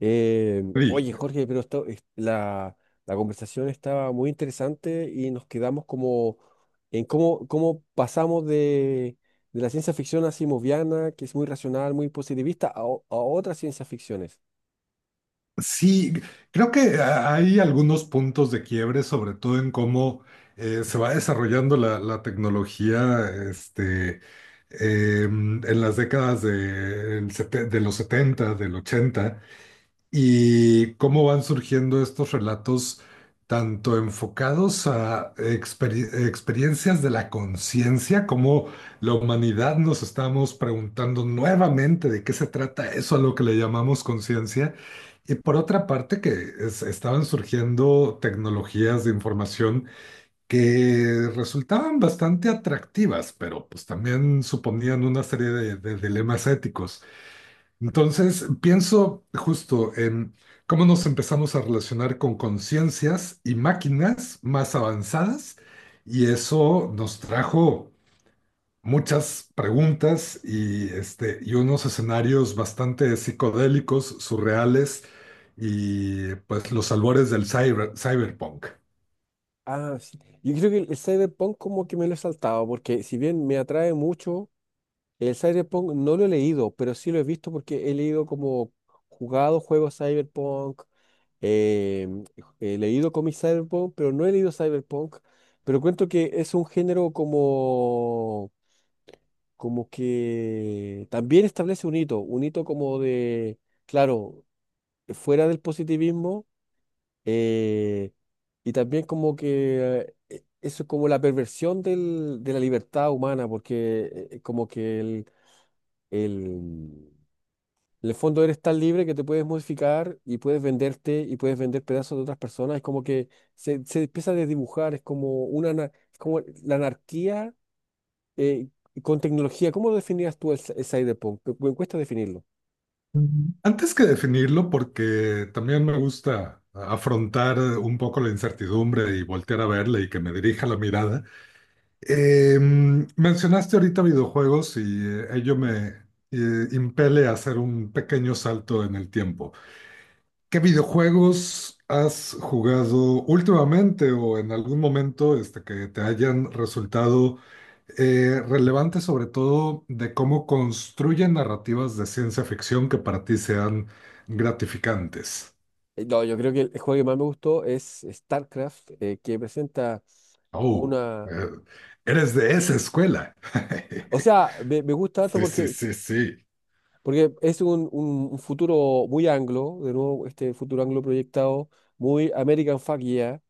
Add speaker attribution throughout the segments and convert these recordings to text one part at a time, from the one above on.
Speaker 1: Eh,
Speaker 2: Sí,
Speaker 1: oye, Jorge, pero la, la conversación estaba muy interesante y nos quedamos como en cómo pasamos de la ciencia ficción asimoviana, que es muy racional, muy positivista, a otras ciencias ficciones.
Speaker 2: sí, creo que hay algunos puntos de quiebre, sobre todo en cómo se va desarrollando la tecnología este, en las décadas del de, los 70, del 80. Y cómo van surgiendo estos relatos tanto enfocados a experiencias de la conciencia, como la humanidad nos estamos preguntando nuevamente de qué se trata eso a lo que le llamamos conciencia, y por otra parte que estaban surgiendo tecnologías de información que resultaban bastante atractivas, pero pues también suponían una serie de dilemas éticos. Entonces, pienso justo en cómo nos empezamos a relacionar con conciencias y máquinas más avanzadas, y eso nos trajo muchas preguntas y, este, y unos escenarios bastante psicodélicos, surreales, y pues los albores del cyberpunk.
Speaker 1: Ah, sí. Yo creo que el cyberpunk como que me lo he saltado, porque si bien me atrae mucho el cyberpunk. No lo he leído, pero sí lo he visto porque he leído como jugado juegos Cyberpunk, eh, he leído cómics Cyberpunk, pero no he leído Cyberpunk. Pero cuento que es un género como que también establece un hito como claro, fuera del positivismo, eh, y también como que eso es como la perversión de la libertad humana, porque como que el en el fondo eres tan libre que te puedes modificar y puedes venderte y puedes vender pedazos de otras personas. Es como que se empieza a desdibujar, es como es como la anarquía eh, con tecnología. ¿Cómo lo definirías tú el cyberpunk? Me cuesta definirlo.
Speaker 2: Ujú. Antes que definirlo, porque también me gusta afrontar un poco la incertidumbre y voltear a verla y que me dirija la mirada. Eh, Mencionaste ahorita videojuegos y ello me impele a hacer un pequeño salto en el tiempo. ¿Qué videojuegos has jugado últimamente o en algún momento este, que te hayan resultado relevantes, sobre todo de cómo construyen narrativas de ciencia ficción que para ti sean gratificantes?
Speaker 1: No, yo creo que el juego que más me gustó es StarCraft, que presenta
Speaker 2: Oh, eh,
Speaker 1: una...
Speaker 2: eres de esa escuela.
Speaker 1: O sea, me gusta harto
Speaker 2: Sí, sí,
Speaker 1: porque,
Speaker 2: sí, sí.
Speaker 1: porque es un futuro muy anglo, de nuevo, este futuro anglo proyectado, muy American fuck yeah,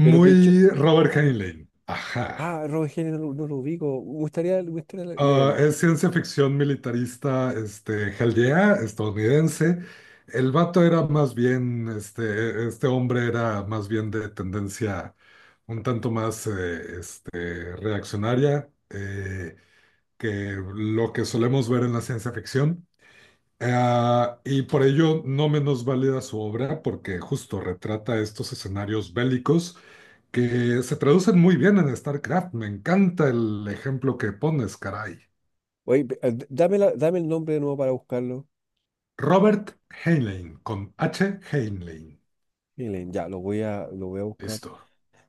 Speaker 1: pero
Speaker 2: Robert Heinlein. Ajá.
Speaker 1: ah, Robert Heinlein no, lo no lo ubico. Me gustaría
Speaker 2: Ah,
Speaker 1: leerlo.
Speaker 2: es ciencia ficción militarista, este, hell yeah, estadounidense. El vato era más bien, este hombre era más bien de tendencia un tanto más este, reaccionaria. Que lo que solemos ver en la ciencia ficción. Ah, y por ello no menos válida su obra porque justo retrata estos escenarios bélicos que se traducen muy bien en StarCraft. Me encanta el ejemplo que pones, caray.
Speaker 1: Dame, dame el nombre de nuevo para buscarlo.
Speaker 2: Robert Heinlein, con H. Heinlein.
Speaker 1: Heinlein, ya, lo voy a
Speaker 2: Listo.
Speaker 1: buscar.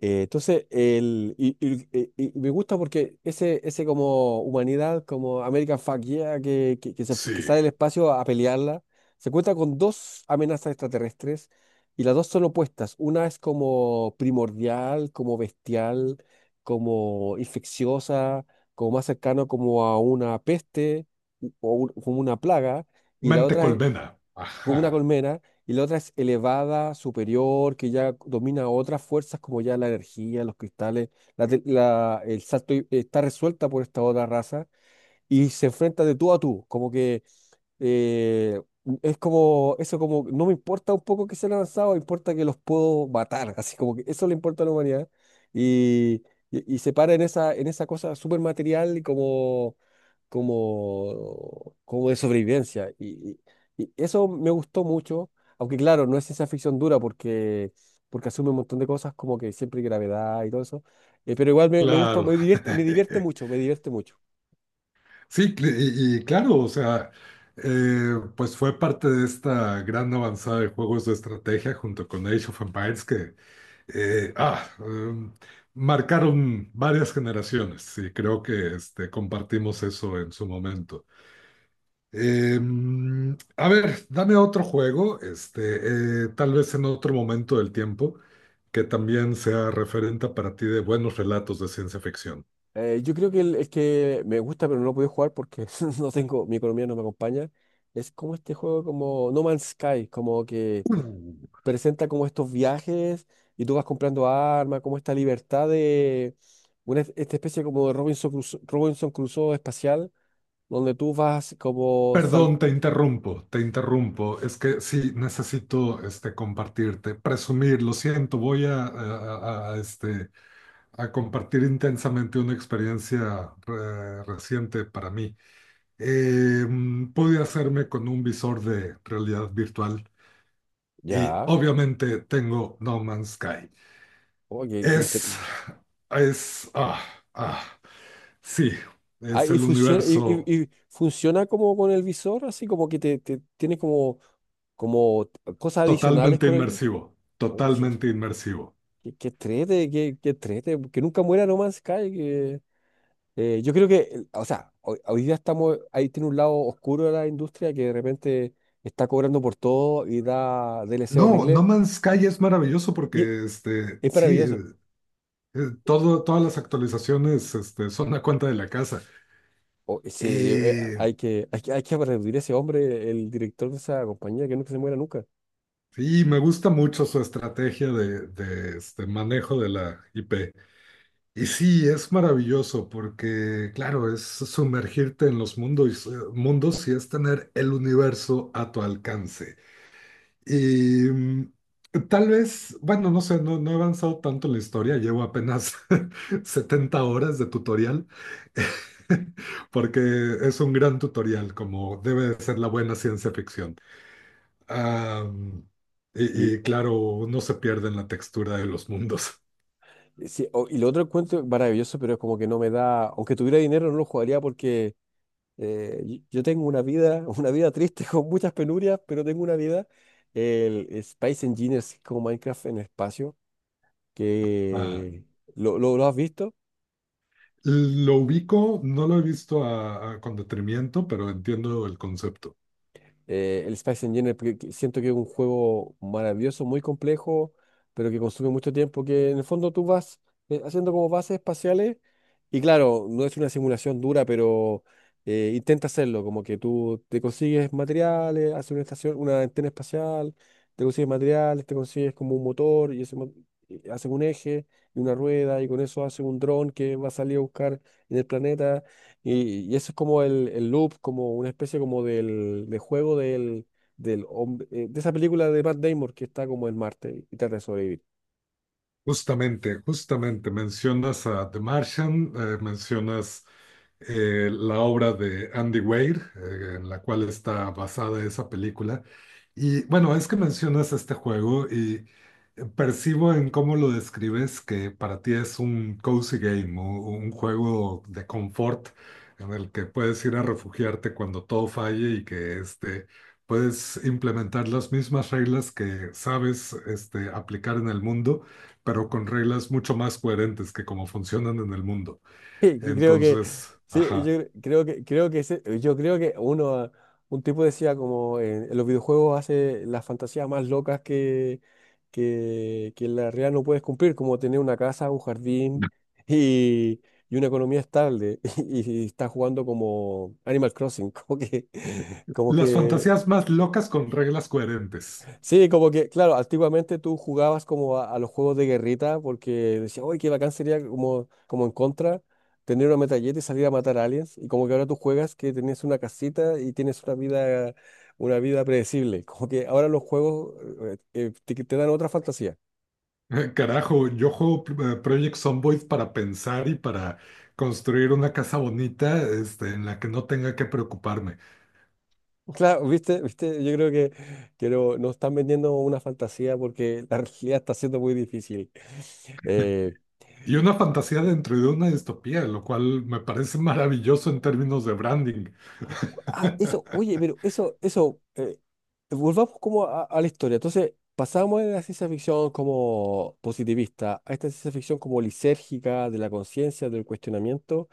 Speaker 1: Entonces, el, y me gusta porque ese como humanidad, como American Fuck Yeah, que que
Speaker 2: Sí.
Speaker 1: sale del espacio a pelearla, se cuenta con dos amenazas extraterrestres y las dos son opuestas. Una es como primordial, como bestial, como infecciosa, como más cercano como a una peste como una plaga, y la
Speaker 2: Mente
Speaker 1: otra
Speaker 2: colmena.
Speaker 1: como una
Speaker 2: Ajá.
Speaker 1: colmena, y la otra es elevada, superior, que ya domina otras fuerzas como ya la energía, los cristales, el salto está resuelta por esta otra raza y se enfrenta de tú a tú, como que eh, es como, eso como, no me importa un poco que sean avanzados, me importa que los puedo matar, así como que eso le importa a la humanidad. Y, y se para en esa cosa súper material y como, como de sobrevivencia. Y eso me gustó mucho, aunque claro, no es ciencia ficción dura porque, porque asume un montón de cosas como que siempre hay gravedad y todo eso. Pero igual me gustó,
Speaker 2: Claro.
Speaker 1: me divierte mucho, me divierte mucho.
Speaker 2: Sí, y claro, o sea, pues fue parte de esta gran avanzada de juegos de estrategia junto con Age of Empires que eh, ah, em, marcaron varias generaciones y creo que este, compartimos eso en su momento. Eh, a ver, dame otro juego, este, tal vez en otro momento del tiempo, que también sea referente para ti de buenos relatos de ciencia ficción.
Speaker 1: Yo creo que el que me gusta pero no lo puedo jugar porque no tengo, mi economía no me acompaña, es como este juego como No Man's Sky, como que
Speaker 2: Mm.
Speaker 1: presenta como estos viajes y tú vas comprando armas, como esta libertad de esta especie como de Robinson Crusoe, Robinson Crusoe espacial, donde tú vas como sal...
Speaker 2: Perdón, te interrumpo, te interrumpo. Es que sí, necesito este, compartirte, presumir, lo siento, voy a, este, a compartir intensamente una experiencia reciente para mí. Pude hacerme con un visor de realidad virtual y
Speaker 1: Ya,
Speaker 2: obviamente tengo No Man's Sky.
Speaker 1: oye, qué qué
Speaker 2: Es,
Speaker 1: inter-
Speaker 2: es, ah, ah, sí,
Speaker 1: Ah,
Speaker 2: es
Speaker 1: y
Speaker 2: el
Speaker 1: funciona,
Speaker 2: universo
Speaker 1: y funciona como con el visor, así como que te tiene como, como cosas adicionales
Speaker 2: totalmente
Speaker 1: con el... visor.
Speaker 2: inmersivo, totalmente inmersivo.
Speaker 1: Que trete, que trete, que nunca muera No Man's Sky. Que, yo creo o sea, hoy día estamos, ahí tiene un lado oscuro de la industria que de repente está cobrando por todo y da DLC
Speaker 2: No, No
Speaker 1: horrible.
Speaker 2: Man's Sky es maravilloso
Speaker 1: Y
Speaker 2: porque, este,
Speaker 1: es
Speaker 2: sí,
Speaker 1: maravilloso.
Speaker 2: todo, todas las actualizaciones, este, son a cuenta de la casa.
Speaker 1: O- sí,
Speaker 2: Eh,
Speaker 1: hay que aplaudir a ese hombre, el director de esa compañía, que nunca se muera nunca.
Speaker 2: sí, me gusta mucho su estrategia de, este, manejo de la IP. Y sí, es maravilloso porque, claro, es sumergirte en los mundos, mundos y es tener el universo a tu alcance. Y mm, tal vez, bueno, no sé, no, no he avanzado tanto en la historia, llevo apenas 70 horas de tutorial, porque es un gran tutorial, como debe de ser la buena ciencia ficción. Ah,
Speaker 1: Y,
Speaker 2: y claro, no se pierde en la textura de los mundos.
Speaker 1: sí, o- y lo otro encuentro maravilloso, pero es como que no me da, aunque tuviera dinero, no lo jugaría porque yo tengo una vida, una vida triste con muchas penurias, pero tengo una vida. El Space Engineers es como Minecraft en espacio,
Speaker 2: Ah,
Speaker 1: que lo has visto.
Speaker 2: lo ubico, no lo he visto con detenimiento, pero entiendo el concepto.
Speaker 1: El Space Engineer porque siento que es un juego maravilloso, muy complejo, pero que consume mucho tiempo, que en el fondo tú vas haciendo como bases espaciales y claro, no es una simulación dura, pero intenta hacerlo, como que tú te consigues materiales, haces una estación, una antena espacial, te consigues materiales, te consigues como un motor y y hacen un eje y una rueda y con eso hacen un dron que va a salir a buscar en el planeta y eso es como el loop, como una especie como de juego del hombre, de esa película de Matt Damon que está como en Marte y trata de sobrevivir.
Speaker 2: Justamente, justamente mencionas a The Martian, mencionas la obra de Andy Weir, en la cual está basada esa película. Y bueno, es que mencionas este juego y percibo en cómo lo describes que para ti es un cozy game, un juego de confort en el que puedes ir a refugiarte cuando todo falle y que este, puedes implementar las mismas reglas que sabes este, aplicar en el mundo pero con reglas mucho más coherentes que como funcionan en el mundo.
Speaker 1: Y creo que,
Speaker 2: Entonces,
Speaker 1: sí,
Speaker 2: ajá.
Speaker 1: creo creo que yo creo que uno, ah, un tipo decía como en los videojuegos hace las fantasías más locas que en la realidad no puedes cumplir, como tener una casa, un jardín y, y una economía estable. Y, y está jugando como Animal Crossing, como como
Speaker 2: Las
Speaker 1: que
Speaker 2: fantasías más locas con reglas coherentes.
Speaker 1: sí, como que, claro, antiguamente tú jugabas como a los juegos de guerrita porque decías, uy, qué bacán sería como, como en contra tener una metralleta y salir a matar aliens. Y como que ahora tú juegas que tenías una casita y tienes una vida predecible. Como que ahora los juegos te dan otra fantasía.
Speaker 2: Carajo, yo juego Project Zomboid para pensar y para construir una casa bonita, este, en la que no tenga que preocuparme.
Speaker 1: Claro, viste, viste, yo creo que no, nos están vendiendo una fantasía porque la realidad está siendo muy difícil. Eh,
Speaker 2: Y una fantasía dentro de una distopía, lo cual me parece maravilloso en términos de branding.
Speaker 1: Ah, oye, pero volvamos como a la historia. Entonces, pasamos de la ciencia ficción como positivista a esta ciencia ficción como lisérgica, de la conciencia, del cuestionamiento,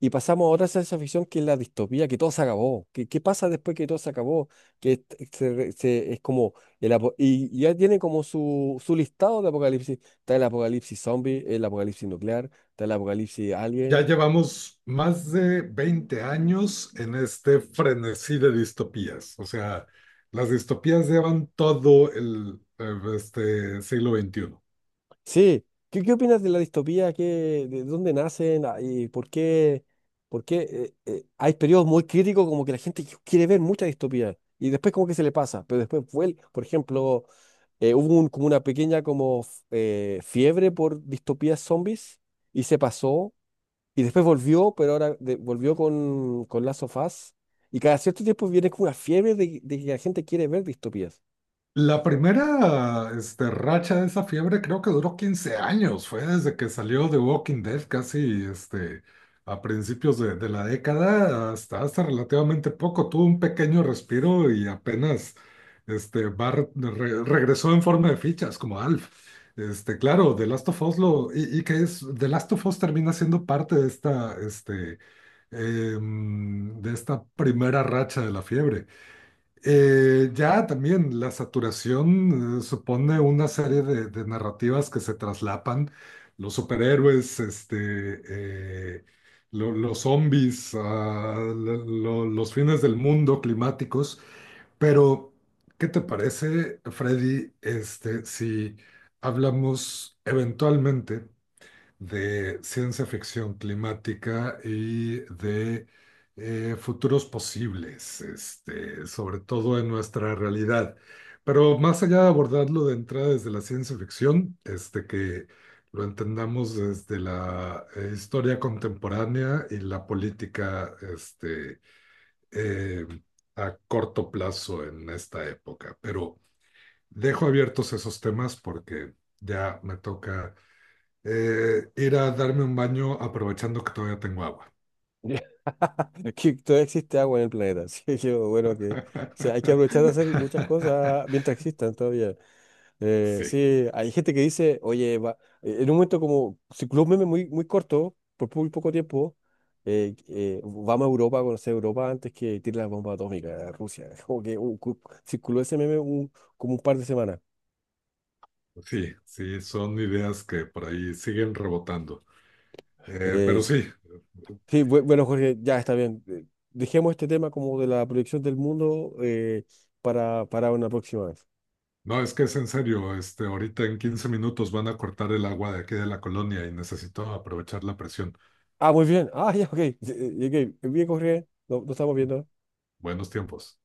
Speaker 1: y pasamos a otra ciencia ficción que es la distopía, que todo se acabó. ¿Qué, qué pasa después que todo se acabó? Que est- se re- se- es como, y ya tiene como su listado de apocalipsis. Está el apocalipsis zombie, el apocalipsis nuclear, está el apocalipsis
Speaker 2: Ya
Speaker 1: alien.
Speaker 2: llevamos más de 20 años en este frenesí de distopías. O sea, las distopías llevan todo el este siglo XXI.
Speaker 1: Sí, ¿qué, qué opinas de la distopía? ¿Qué, de dónde nacen? Ah, ¿y por qué hay periodos muy críticos como que la gente quiere ver mucha distopía y después como que se le pasa, pero después vuelve, por ejemplo, hubo como una pequeña como fiebre por distopías zombies y se pasó y después volvió, pero ahora volvió con Last of Us y cada cierto tiempo viene como una fiebre de que la gente quiere ver distopías.
Speaker 2: La primera este, racha de esa fiebre creo que duró 15 años, fue desde que salió The Walking Dead casi este, a principios de la década hasta relativamente poco, tuvo un pequeño respiro y apenas este, va regresó en forma de fichas como Alf. Este, claro, The Last of Us lo, y que es, The Last of Us termina siendo parte de esta, este, de esta primera racha de la fiebre. Ya también la saturación supone una serie de narrativas que se traslapan. Los superhéroes, este, eh, los zombies, ah, los fines del mundo climáticos. Pero, ¿qué te parece, Freddy, este, si hablamos eventualmente de ciencia ficción climática y de futuros posibles, este, sobre todo en nuestra realidad? Pero más allá de abordarlo de entrada desde la ciencia ficción, este, que lo entendamos desde la historia contemporánea y la política este, eh, a corto plazo en esta época. Pero dejo abiertos esos temas porque ya me toca ir a darme un baño aprovechando que todavía tengo agua.
Speaker 1: Es que todavía existe agua en el planeta, así que bueno que o sea, hay que aprovechar de hacer muchas cosas mientras existan todavía.
Speaker 2: Sí,
Speaker 1: Sí, hay gente que dice, oye, va, en un momento como circuló un meme muy, muy corto, por muy poco tiempo, vamos a Europa, a conocer Europa antes que tire la bomba atómica a Rusia. Como que circuló ese meme como un par de semanas.
Speaker 2: sí, sí, son ideas que por ahí siguen rebotando.
Speaker 1: Eh,
Speaker 2: Pero sí,
Speaker 1: sí, bueno, Jorge, ya está bien. Dejemos este tema como de la proyección del mundo para una próxima vez.
Speaker 2: no, es que es en serio, este, ahorita en 15 minutos van a cortar el agua de aquí de la colonia y necesito aprovechar la presión.
Speaker 1: Ah, muy bien. Ah, ya, ok. Llegué. Bien, Jorge. No, no estamos viendo.
Speaker 2: Buenos tiempos.